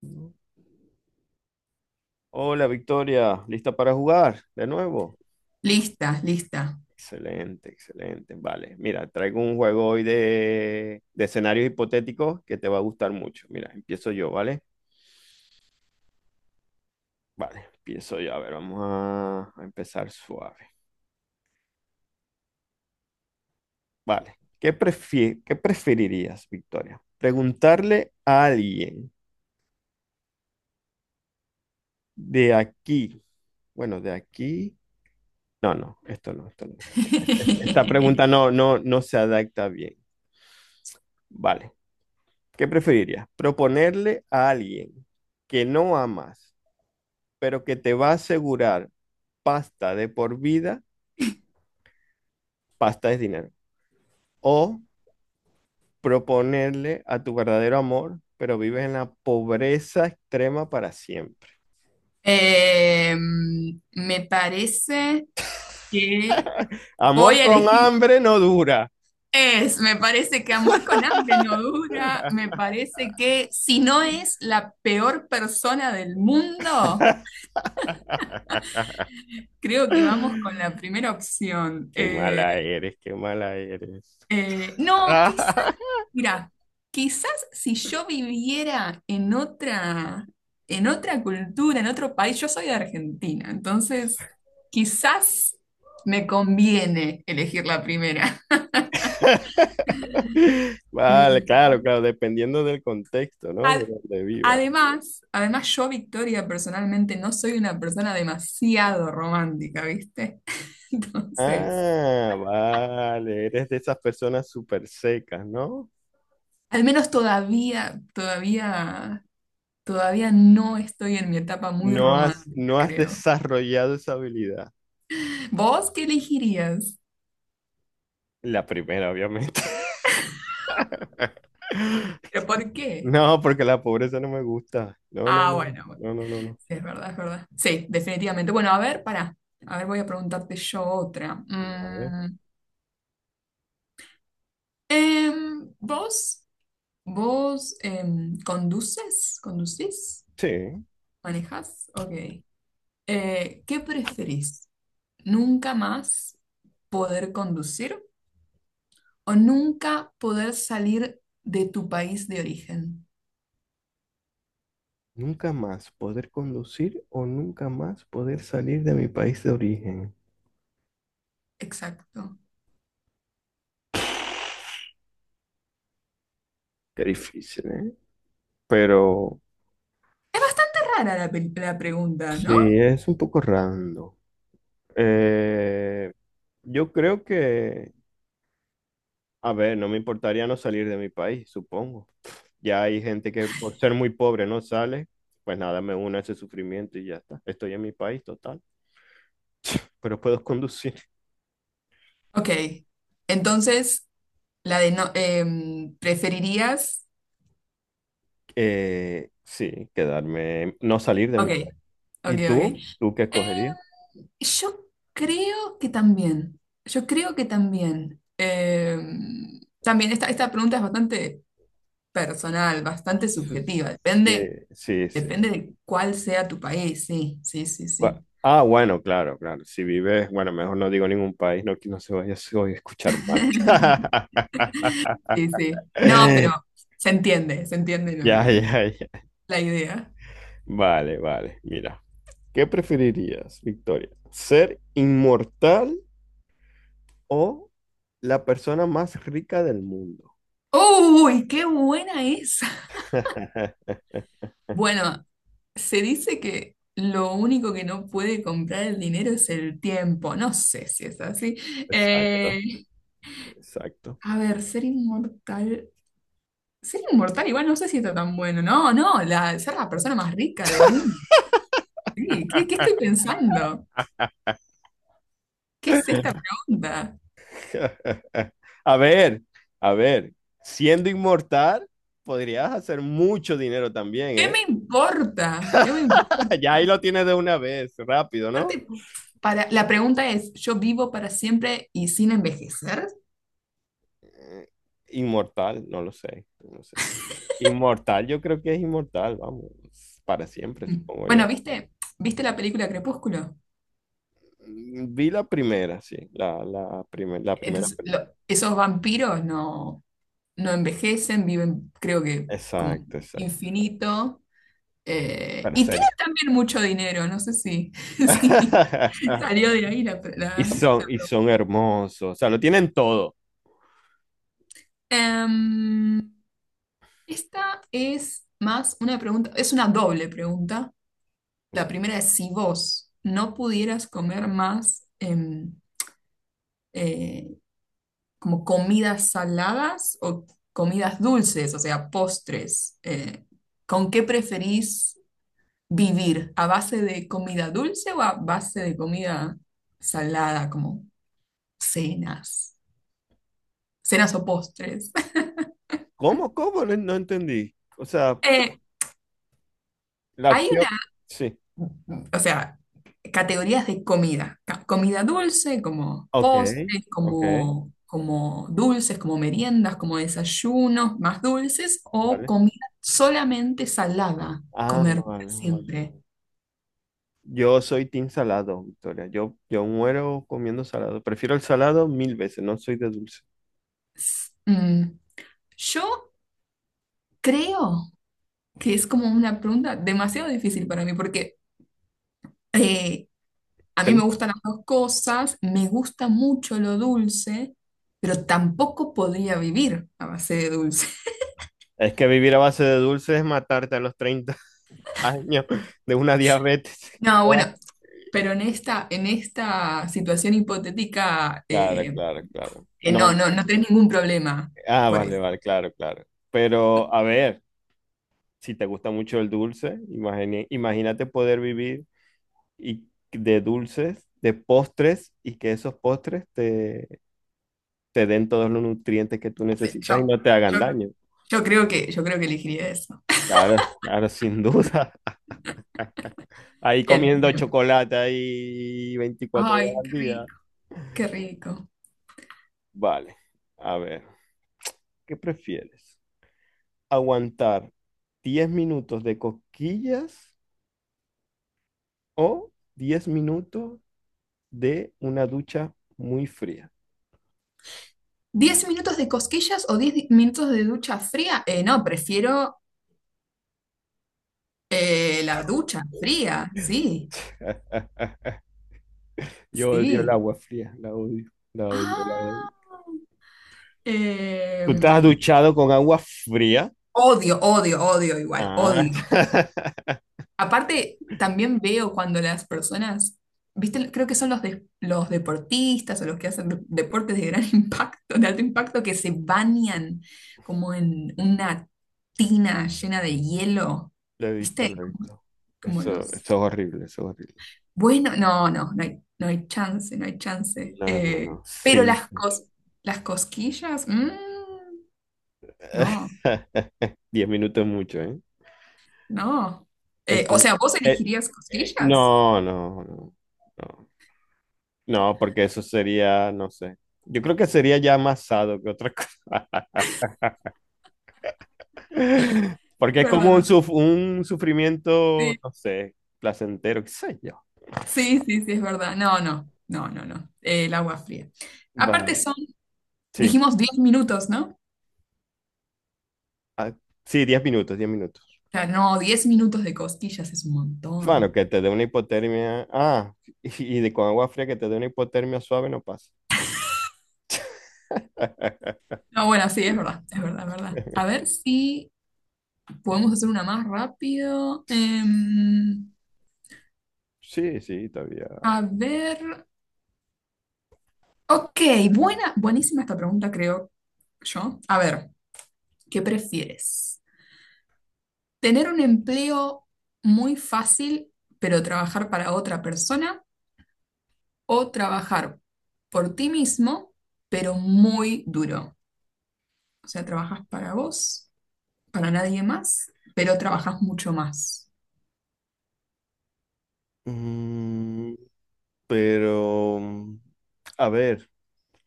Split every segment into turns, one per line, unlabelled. ¿No? Hola Victoria, ¿lista para jugar de nuevo?
Lista, lista.
Excelente, excelente. Vale, mira, traigo un juego hoy de escenarios hipotéticos que te va a gustar mucho. Mira, empiezo yo, ¿vale? Vale, empiezo yo. A ver, vamos a empezar suave. Vale, ¿qué preferirías, Victoria? ¿Preguntarle a alguien de aquí? Bueno, de aquí. No, no, esto no, esto no. Esta pregunta no, no, no se adapta bien. Vale. ¿Qué preferirías? ¿Proponerle a alguien que no amas, pero que te va a asegurar pasta de por vida? Pasta es dinero. ¿O proponerle a tu verdadero amor, pero vives en la pobreza extrema para siempre?
Eh, Me parece que voy
Amor
a
con hambre no dura.
me parece que amor con hambre no dura, me parece que si no es la peor persona del mundo, creo que vamos con la primera opción.
Qué mala eres, qué mala eres.
No, ¿qué, mira, quizás si yo viviera en en otra cultura, en otro país, yo soy de Argentina, entonces quizás me conviene elegir la primera.
Vale,
Mm,
claro, claro, dependiendo del contexto, ¿no? De
Ad-
donde vivas.
Además, además yo, Victoria, personalmente no soy una persona demasiado romántica, ¿viste? Entonces,
Ah, vale, eres de esas personas súper secas, ¿no?
al menos todavía no estoy en mi etapa muy
No has,
romántica,
no has
creo.
desarrollado esa habilidad.
¿Vos qué elegirías?
La primera, obviamente.
¿Pero por qué?
No, porque la pobreza no me gusta. No, no,
Ah,
no,
bueno, bueno,
no, no, no, no.
sí, es verdad, es verdad. Sí, definitivamente. Bueno, a ver, para. A ver, voy a preguntarte yo otra.
Vale.
Em, ¿vos, vos conduces? ¿Conducís?
Sí,
¿Manejás? Ok. ¿Qué preferís? ¿Nunca más poder conducir o nunca poder salir de tu país de origen?
nunca más poder conducir o nunca más poder salir de mi país de origen.
Exacto.
Qué difícil, ¿eh? Pero
Es bastante rara la pregunta,
sí,
¿no?
es un poco rando. Eh, yo creo que, a ver, no me importaría no salir de mi país, supongo. Ya hay gente que por ser muy pobre no sale, pues nada, me uno a ese sufrimiento y ya está. Estoy en mi país, total, pero puedo conducir.
Ok. Entonces, la de no, ¿preferirías?
Sí, quedarme, no salir de mi
Ok,
país. ¿Y
ok, ok.
tú? ¿Tú qué
Eh,
escogerías?
yo creo que también. Yo creo que también. También esta pregunta es bastante personal, bastante subjetiva.
Sí,
Depende,
sí, sí.
depende de cuál sea tu país. Sí, sí, sí,
Gua-
sí.
Ah, bueno, claro, claro. Si vives, bueno, mejor no digo ningún país, no, que no se vaya a escuchar mal.
Sí, sí. No, pero se entiende, se entiende lo
Ya,
que,
ya, ya.
la idea.
Vale, vale. Mira, ¿qué preferirías, Victoria? ¿Ser inmortal o la persona más rica del mundo?
¡Uy, qué buena! Bueno, se dice que lo único que no puede comprar el dinero es el tiempo. No sé si es así.
Exacto,
Eh,
exacto.
a ver, ser inmortal. Ser inmortal igual no sé si está tan bueno. No, no, la, ser la persona más rica de un. Sí, ¿qué, qué estoy pensando? ¿Qué es esta pregunta?
A ver, a ver, siendo inmortal, podrías hacer mucho dinero también,
¿Qué
¿eh?
me importa? ¿Qué me importa?
Ya ahí lo tienes de una vez, rápido, ¿no?
Aparte, para, la pregunta es, ¿yo vivo para siempre y sin envejecer?
eh, inmortal, no lo sé, no sé. Inmortal, yo creo que es inmortal, vamos, para siempre,
Mm.
supongo yo.
Bueno, ¿viste? ¿Viste la película Crepúsculo?
Mm, vi la primera, sí, la primera
Entonces,
película.
esos vampiros no, no envejecen, viven, creo que, como
Exacto, exacto.
infinito.
Para
Y tienen
serie.
también mucho dinero, no sé si si salió de ahí la, la-
Y son hermosos, o sea, lo tienen todo.
Em, esta es más una pregunta, es una doble pregunta. La primera es si vos no pudieras comer más, eh, como comidas saladas o comidas dulces, o sea, postres. ¿Con qué preferís vivir? ¿A base de comida dulce o a base de comida salada, como cenas, cenas o postres?
¿Cómo, cómo? No, no entendí. O sea,
Eh,
la
Hay una,
opción, sí.
o sea, categorías de comida dulce, como
Ok,
postres,
ok,
como dulces, como meriendas, como desayunos más dulces, o
vale.
comida solamente salada,
Ah,
comer para
vale, vale.
siempre.
Yo soy team salado, Victoria. Yo muero comiendo salado. Prefiero el salado mil veces, no soy de dulce.
S- mm, yo creo que es como una pregunta demasiado difícil para mí, porque eh, a
¿Te-
mí me
gusta?
gustan las dos cosas, me gusta mucho lo dulce, pero tampoco podría vivir a base de dulce.
Es que vivir a base de dulce es matarte a los 30 años de una diabetes.
No, bueno,
Guau.
pero en en esta situación hipotética,
Claro, claro, claro. No,
no,
no.
no, no tenés ningún problema
Ah,
por
vale,
eso.
vale, claro, claro. Pero a ver, si te gusta mucho el dulce, imagínate poder vivir y de dulces, de postres y que esos postres te, te den todos los nutrientes que tú
Sí.
necesitas y no te hagan
Yo,
daño.
yo creo que, yo creo que elegiría eso.
Claro, claro, sin duda. Ahí
Bien,
comiendo
bien.
chocolate ahí 24 horas
Ay,
al
qué
día.
rico, qué rico.
Vale, a ver, ¿qué prefieres? ¿Aguantar 10 minutos de cosquillas o 10 minutos de una ducha muy fría?
¿10 minutos de cosquillas o 10 minutos de ducha fría? No, prefiero la ducha fría, sí,
Yo odio el
sí.
agua fría, la odio, la odio, la odio.
Ah,
¿Tú estás
em,
duchado con agua fría?
Odio, odio, odio igual,
Ah,
odio. Aparte, también veo cuando las personas, viste, creo que son los deportistas o los que hacen de- deportes de gran impacto, de alto impacto, que se bañan como en una tina llena de hielo,
lo he visto,
viste,
lo he
como,
visto.
como
Eso
los...
es horrible, eso es horrible.
Bueno, no, no, no hay, no hay chance, no hay chance.
No, no, no,
Pero
sí.
las cosquillas, mm, no,
10 minutos mucho, ¿eh?
no. O
Eso-
sea, ¿vos
eh,
elegirías cosquillas?
no, no, no, no. No, porque eso sería, no sé. Yo creo que sería ya más sado que otra cosa.
Es
Porque es como
¿verdad?
un sufrimiento,
Sí.
no sé, placentero, qué sé yo.
Sí, sí, sí, es verdad. No, no, no, no, no. El agua fría. Aparte
Bueno,
son,
sí.
dijimos 10 minutos, ¿no? O
Ah, sí, 10 minutos, 10 minutos.
sea, no, 10 minutos de costillas es un
Bueno,
montón.
que te dé una hipotermia. Ah, y de con agua fría que te dé una hipotermia suave no pasa.
No, bueno, sí, es verdad, es verdad, es verdad. A ver si podemos hacer una más rápido.
Sí, sí, todavía.
A ver. Ok, buena, buenísima esta pregunta, creo yo. A ver, ¿qué prefieres? ¿Tener un empleo muy fácil, pero trabajar para otra persona? O trabajar por ti mismo, pero muy duro. O sea, trabajas para vos, para nadie más, pero trabajas mucho más.
Mm, pero, mm, a ver,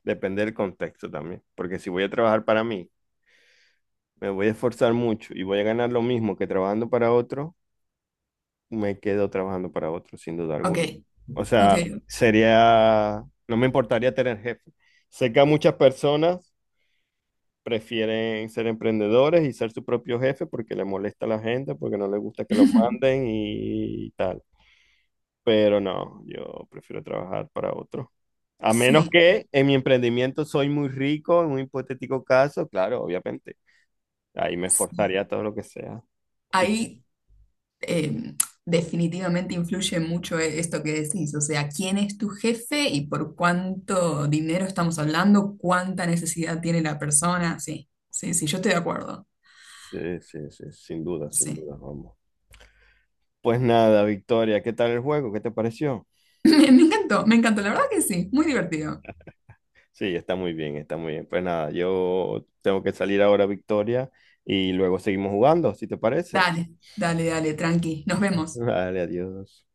depende del contexto también, porque si voy a trabajar para mí, me voy a esforzar mucho y voy a ganar lo mismo que trabajando para otro, me quedo trabajando para otro, sin duda
Ok,
alguna. O
ok.
sea, sería, no me importaría tener jefe. Sé que a muchas personas prefieren ser emprendedores y ser su propio jefe porque le molesta a la gente, porque no les gusta que los manden y tal. Pero no, yo prefiero trabajar para otro. A menos
Sí,
que en mi emprendimiento soy muy rico, en un hipotético caso, claro, obviamente. Ahí me
sí.
esforzaría todo lo que sea. Y-
Ahí eh, definitivamente influye mucho esto que decís, o sea, quién es tu jefe y por cuánto dinero estamos hablando, cuánta necesidad tiene la persona. Sí, sí, sí, yo estoy de acuerdo.
sí, sí, sí, sin duda, sin
Sí.
duda, vamos. Pues nada, Victoria, ¿qué tal el juego? ¿Qué te pareció?
Me, me encantó, la verdad que sí, muy divertido.
Sí, está muy bien, está muy bien. Pues nada, yo tengo que salir ahora, Victoria, y luego seguimos jugando, si te parece.
Dale, dale, dale, tranqui. Nos vemos.
Vale, adiós.